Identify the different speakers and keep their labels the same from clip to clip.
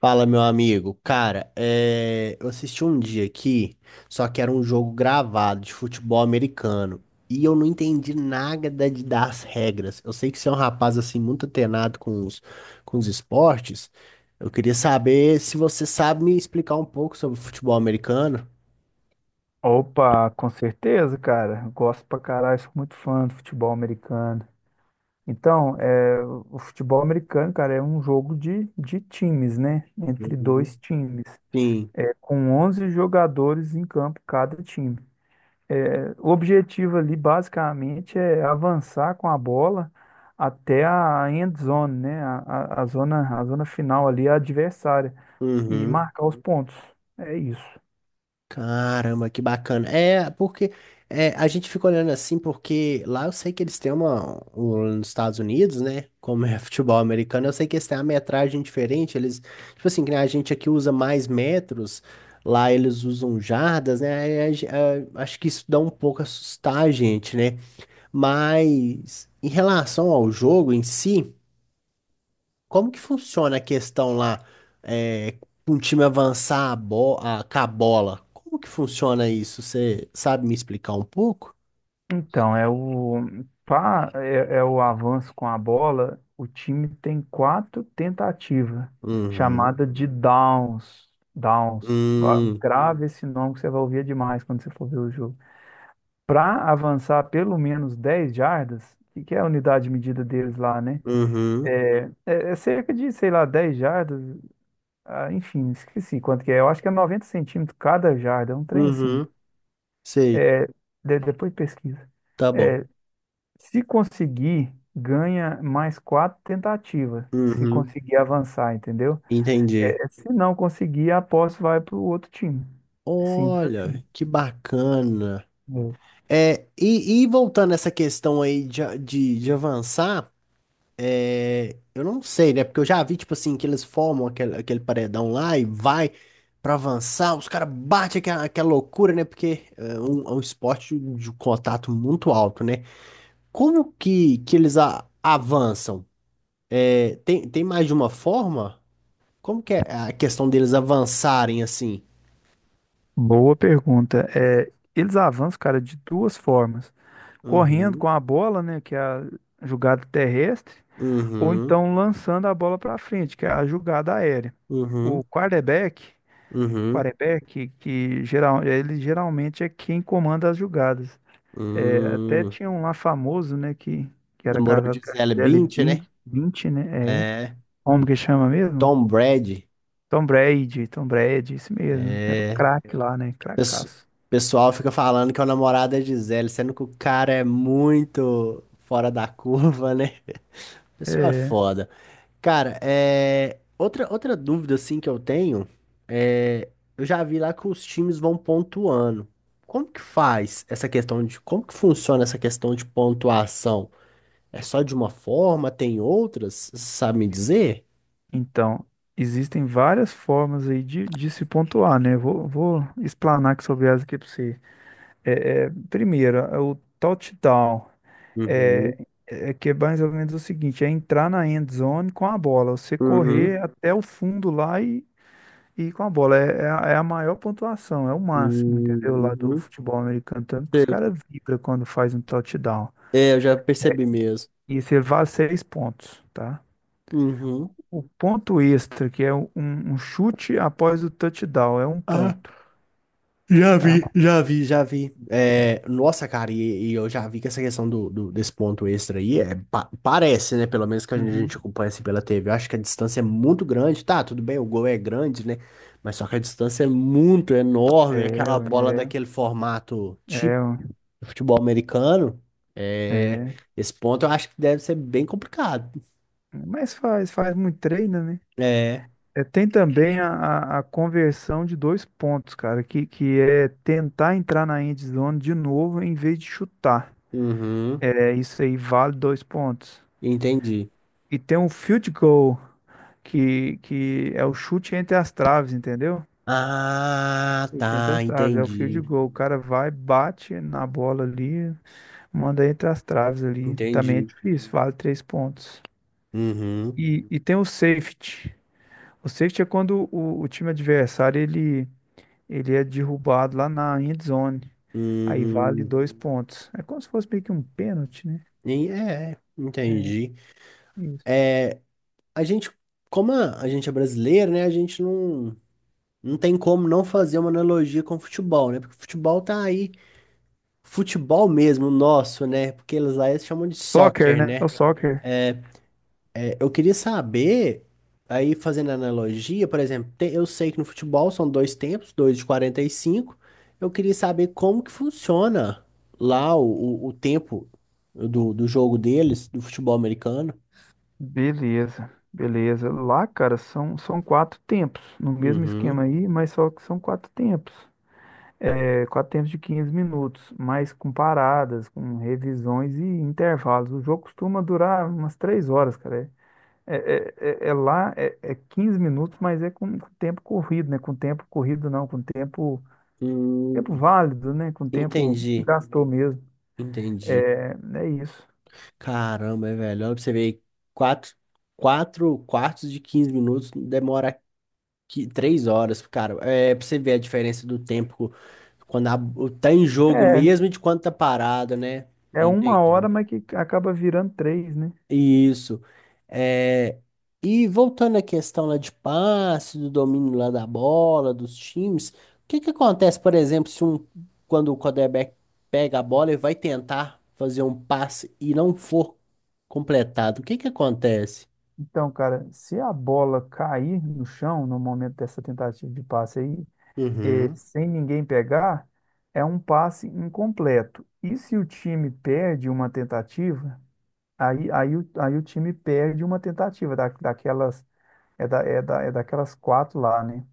Speaker 1: Fala, meu amigo. Cara, eu assisti um dia aqui, só que era um jogo gravado de futebol americano. E eu não entendi nada das regras. Eu sei que você é um rapaz assim muito antenado com os esportes. Eu queria saber se você sabe me explicar um pouco sobre futebol americano.
Speaker 2: Opa, com certeza, cara. Gosto pra caralho, sou muito fã do futebol americano. Então, o futebol americano, cara, é um jogo de times, né? Entre
Speaker 1: Uhum.
Speaker 2: 2 times,
Speaker 1: Sim.
Speaker 2: é, com 11 jogadores em campo cada time. É, o objetivo ali, basicamente, é avançar com a bola até a end zone, né? A zona, a zona final ali, a adversária, e
Speaker 1: Uhum.
Speaker 2: marcar os pontos. É isso.
Speaker 1: Caramba, que bacana. É, porque a gente fica olhando assim, porque lá eu sei que eles Nos Estados Unidos, né? Como é futebol americano, eu sei que eles têm uma metragem diferente. Eles, tipo assim, que nem a gente aqui usa mais metros, lá eles usam jardas, né? Aí acho que isso dá um pouco assustar a gente, né? Mas em relação ao jogo em si. Como que funciona a questão lá, é, um time avançar com a bola? Como que funciona isso? Você sabe me explicar um pouco?
Speaker 2: Então, é o avanço com a bola. O time tem 4 tentativas,
Speaker 1: Uhum.
Speaker 2: chamada de downs. Downs.
Speaker 1: Hum,
Speaker 2: Grave esse nome que você vai ouvir demais quando você for ver o jogo. Para avançar pelo menos 10 jardas, que é a unidade de medida deles lá, né?
Speaker 1: uhum.
Speaker 2: É, é cerca de, sei lá, 10 jardas. Ah, enfim, esqueci quanto que é. Eu acho que é 90 centímetros cada jarda, é um trem assim.
Speaker 1: Uhum. Sei.
Speaker 2: É, depois pesquisa.
Speaker 1: Tá bom.
Speaker 2: É, se conseguir, ganha mais 4 tentativas. Se
Speaker 1: Uhum.
Speaker 2: conseguir avançar, entendeu?
Speaker 1: Entendi.
Speaker 2: É, se não conseguir, a posse vai para o outro time. É simples assim.
Speaker 1: Olha, que bacana.
Speaker 2: É.
Speaker 1: É, e voltando a essa questão aí de avançar. É, eu não sei, né? Porque eu já vi, tipo assim, que eles formam aquele paredão lá e vai pra avançar, os caras batem aquela loucura, né? Porque é um esporte de contato muito alto, né? Como que eles avançam? É, tem mais de uma forma? Como que é a questão deles avançarem assim?
Speaker 2: Boa pergunta. É, eles avançam, cara, de 2 formas: correndo
Speaker 1: Uhum,
Speaker 2: com a bola, né, que é a jogada terrestre, ou
Speaker 1: uhum,
Speaker 2: então lançando a bola para frente, que é a jogada aérea. O
Speaker 1: uhum,
Speaker 2: quarterback,
Speaker 1: uhum,
Speaker 2: quarterback que geral, ele geralmente é quem comanda as jogadas. É, até
Speaker 1: hum.
Speaker 2: tinha um lá famoso, né, que era
Speaker 1: Namorou de
Speaker 2: casado com a
Speaker 1: Gisele
Speaker 2: Gisele
Speaker 1: Bündchen, né?
Speaker 2: 20, 20, né? É.
Speaker 1: É,
Speaker 2: Como que chama mesmo?
Speaker 1: Tom Brady.
Speaker 2: Tom Brady, Tom Brady, isso mesmo. Era o
Speaker 1: É.
Speaker 2: craque lá, né?
Speaker 1: Pesso-
Speaker 2: Cracaço.
Speaker 1: pessoal fica falando que é o namorado é Gisele, sendo que o cara é muito fora da curva, né? O pessoal é foda. Cara, outra dúvida assim que eu tenho é. Eu já vi lá que os times vão pontuando. Como que faz essa questão de. Como que funciona essa questão de pontuação? É só de uma forma? Tem outras? Você sabe me dizer?
Speaker 2: Então, existem várias formas aí de se pontuar, né? Vou explanar aqui sobre elas aqui para você. Primeiro, é o touchdown. É,
Speaker 1: Uhum.
Speaker 2: é que é mais ou menos o seguinte, é entrar na end zone com a bola. Você
Speaker 1: Uhum.
Speaker 2: correr até o fundo lá e com a bola, é a maior pontuação, é o máximo, entendeu? Lá do
Speaker 1: Uhum.
Speaker 2: futebol americano, tanto que os
Speaker 1: Sei.
Speaker 2: caras vibram quando faz um touchdown.
Speaker 1: É, eu já percebi mesmo.
Speaker 2: E isso vale 6 pontos, tá?
Speaker 1: Uhum.
Speaker 2: O ponto extra, que é um chute após o touchdown, é um
Speaker 1: Ah.
Speaker 2: ponto,
Speaker 1: Já
Speaker 2: tá?
Speaker 1: vi, já vi, já vi. É, nossa, cara, e eu já vi que essa questão desse ponto extra aí parece, né? Pelo menos que a gente, a
Speaker 2: Uhum.
Speaker 1: gente acompanha assim pela TV. Eu acho que a distância é muito grande, tá? Tudo bem, o gol é grande, né? Mas só que a distância é muito
Speaker 2: É,
Speaker 1: enorme. Aquela bola
Speaker 2: ué,
Speaker 1: daquele formato típico
Speaker 2: ué,
Speaker 1: do futebol americano. É,
Speaker 2: é.
Speaker 1: esse ponto eu acho que deve ser bem complicado.
Speaker 2: Mas faz, faz muito treino, né?
Speaker 1: É,
Speaker 2: É, tem também a conversão de 2 pontos, cara, que é tentar entrar na end zone de novo em vez de chutar.
Speaker 1: uhum,
Speaker 2: É isso aí, vale 2 pontos.
Speaker 1: entendi.
Speaker 2: E tem um field goal, que é o chute entre as traves, entendeu?
Speaker 1: Ah,
Speaker 2: Chute entre
Speaker 1: tá,
Speaker 2: as traves, é o field
Speaker 1: entendi,
Speaker 2: goal. O cara vai, bate na bola ali, manda entre as traves ali. Também é
Speaker 1: entendi.
Speaker 2: difícil, vale 3 pontos.
Speaker 1: Uhum.
Speaker 2: E tem o safety. O safety é quando o time adversário ele é derrubado lá na end zone. Aí vale
Speaker 1: Hum,
Speaker 2: dois pontos. É como se fosse meio que um pênalti, né?
Speaker 1: e
Speaker 2: É
Speaker 1: entendi.
Speaker 2: isso.
Speaker 1: A gente, como a gente é brasileiro, né? A gente não tem como não fazer uma analogia com o futebol, né? Porque o futebol tá aí, futebol mesmo, nosso, né? Porque eles lá eles chamam de
Speaker 2: Soccer,
Speaker 1: soccer,
Speaker 2: né? É o
Speaker 1: né?
Speaker 2: soccer.
Speaker 1: É, eu queria saber, aí fazendo analogia, por exemplo, eu sei que no futebol são dois tempos, dois de 45. Eu queria saber como que funciona lá o tempo do jogo deles, do futebol americano.
Speaker 2: Beleza, beleza. Lá, cara, são 4 tempos, no mesmo
Speaker 1: Uhum.
Speaker 2: esquema aí, mas só que são 4 tempos. É, 4 tempos de 15 minutos, mas com paradas, com revisões e intervalos. O jogo costuma durar umas 3 horas, cara. É lá, é 15 minutos, mas é com tempo corrido, né? Com tempo corrido não, com tempo, tempo
Speaker 1: Hum,
Speaker 2: válido, né? Com tempo que
Speaker 1: entendi,
Speaker 2: gastou mesmo.
Speaker 1: entendi.
Speaker 2: É, é isso.
Speaker 1: Caramba, é velho. Olha pra você ver, quatro, quatro quartos de 15 minutos demora que 3 horas, cara. É pra você ver a diferença do tempo quando tá em jogo
Speaker 2: É,
Speaker 1: mesmo e de quando tá parado, né?
Speaker 2: é uma hora,
Speaker 1: Entendi.
Speaker 2: mas que acaba virando três, né?
Speaker 1: Isso. É, e voltando à questão lá de passe, do domínio lá da bola, dos times, o que que acontece, por exemplo, se um, quando o quarterback pega a bola e vai tentar fazer um passe e não for completado, o que que acontece?
Speaker 2: Então, cara, se a bola cair no chão no momento dessa tentativa de passe aí,
Speaker 1: Uhum,
Speaker 2: sem ninguém pegar, é um passe incompleto. E se o time perde uma tentativa, aí o time perde uma tentativa daquelas, é daquelas 4 lá, né?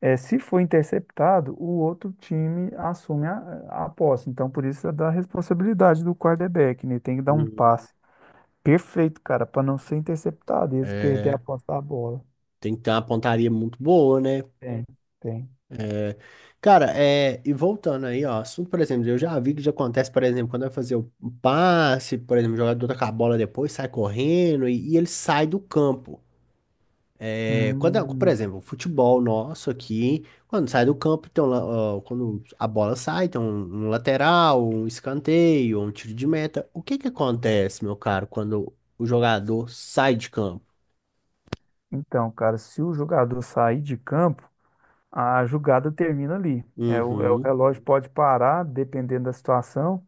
Speaker 2: Se for interceptado, o outro time assume a posse. Então, por isso é da responsabilidade do quarterback, né? Tem que dar um
Speaker 1: uhum.
Speaker 2: passe perfeito, cara, para não ser interceptado e eles perderem a
Speaker 1: É,
Speaker 2: posse da bola.
Speaker 1: tem que ter uma pontaria muito boa, né?
Speaker 2: Tem, tem.
Speaker 1: Cara, e voltando aí, ó, assunto, por exemplo, eu já vi que já acontece, por exemplo, quando vai fazer o passe, por exemplo, o jogador tá com a bola depois, sai correndo e ele sai do campo. É, quando, por
Speaker 2: Hum,
Speaker 1: exemplo, o futebol nosso aqui, quando sai do campo, tem um ó, quando a bola sai, tem um lateral, um escanteio, um tiro de meta. O que que acontece, meu caro, quando o jogador sai de campo?
Speaker 2: então, cara, se o jogador sair de campo, a jogada termina ali. É, o
Speaker 1: Uhum,
Speaker 2: relógio pode parar, dependendo da situação,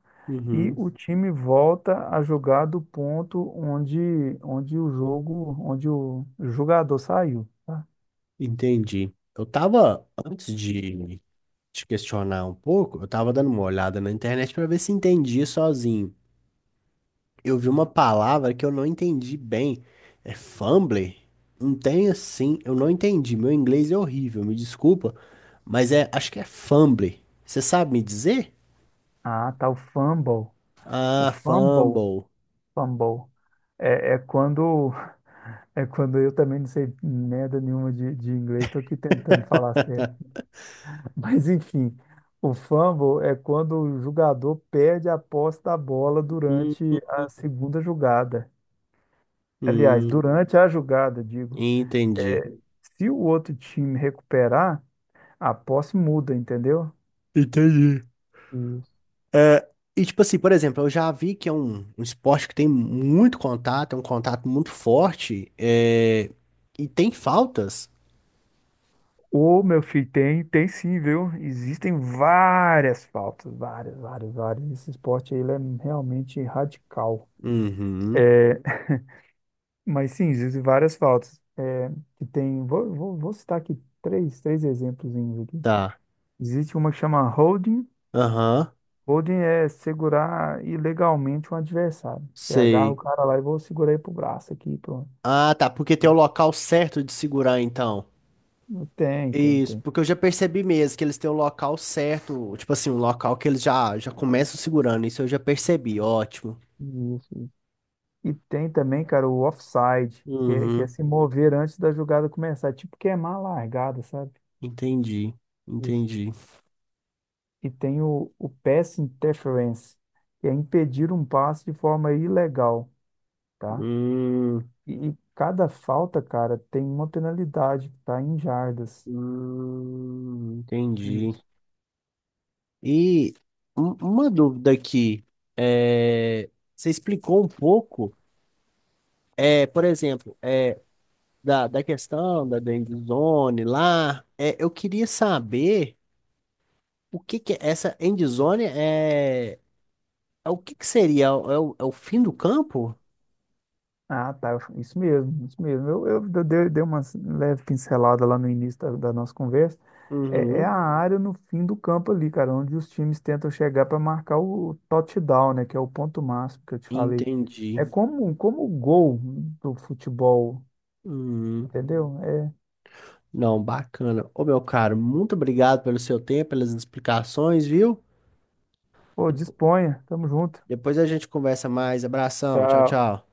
Speaker 2: e
Speaker 1: uhum,
Speaker 2: o time volta a jogar do ponto onde o jogo, onde o jogador saiu, tá?
Speaker 1: entendi. Eu tava antes de te questionar um pouco, eu tava dando uma olhada na internet pra ver se entendia sozinho. Eu vi uma palavra que eu não entendi bem. É fumble. Não tem assim, eu não entendi. Meu inglês é horrível, me desculpa, mas acho que é fumble. Você sabe me dizer?
Speaker 2: Ah, tá, o fumble. O
Speaker 1: Ah,
Speaker 2: fumble,
Speaker 1: fumble.
Speaker 2: fumble. É, é quando é quando eu também não sei merda nenhuma de inglês, estou aqui tentando falar certo. Mas enfim, o fumble é quando o jogador perde a posse da bola
Speaker 1: Hum,
Speaker 2: durante a segunda jogada. Aliás,
Speaker 1: hum,
Speaker 2: durante a jogada, digo.
Speaker 1: entendi.
Speaker 2: É, se o outro time recuperar, a posse muda, entendeu?
Speaker 1: Entendi.
Speaker 2: Isso.
Speaker 1: É, e tipo assim, por exemplo, eu já vi que é um esporte que tem muito contato, é um contato muito forte, e tem faltas.
Speaker 2: Ô, meu filho, tem sim, viu? Existem várias faltas, várias. Esse esporte aí, ele é realmente radical.
Speaker 1: Uhum.
Speaker 2: É, mas sim, existem várias faltas. É, que tem, vou citar aqui três exemplos aqui.
Speaker 1: Tá.
Speaker 2: Existe uma que chama holding.
Speaker 1: Aham.
Speaker 2: Holding é segurar ilegalmente um adversário. Você agarra o
Speaker 1: Sei.
Speaker 2: cara lá e vou segurar ele pro braço aqui, pronto.
Speaker 1: Ah, tá. Porque tem o local certo de segurar, então. Isso,
Speaker 2: Tem.
Speaker 1: porque eu já percebi mesmo que eles têm o local certo, tipo assim, um local que eles já começam segurando. Isso eu já percebi, ótimo.
Speaker 2: Isso, isso. E tem também, cara, o offside, que é
Speaker 1: Uhum,
Speaker 2: se mover antes da jogada começar, tipo queimar a largada, sabe?
Speaker 1: entendi,
Speaker 2: Isso.
Speaker 1: entendi.
Speaker 2: E tem o pass interference, que é impedir um passe de forma ilegal, tá?
Speaker 1: Hum,
Speaker 2: E cada falta, cara, tem uma penalidade, tá? Em jardas.
Speaker 1: entendi.
Speaker 2: Isso.
Speaker 1: E uma dúvida aqui, é, você explicou um pouco, por exemplo, da questão da endzone lá, eu queria saber o que que essa endzone é o que que seria? É, é o fim do campo?
Speaker 2: Ah, tá. Isso mesmo, isso mesmo. Dei uma leve pincelada lá no início da nossa conversa. É, é a
Speaker 1: Uhum,
Speaker 2: área no fim do campo ali, cara, onde os times tentam chegar para marcar o touchdown, né? Que é o ponto máximo que eu te falei.
Speaker 1: entendi.
Speaker 2: É como, como o gol do futebol,
Speaker 1: Hum,
Speaker 2: entendeu? É,
Speaker 1: não, bacana. Ô, meu caro, muito obrigado pelo seu tempo, pelas explicações, viu?
Speaker 2: pô,
Speaker 1: Depo-
Speaker 2: disponha. Tamo junto.
Speaker 1: Depois a gente conversa mais. Abração, tchau,
Speaker 2: Tchau.
Speaker 1: tchau.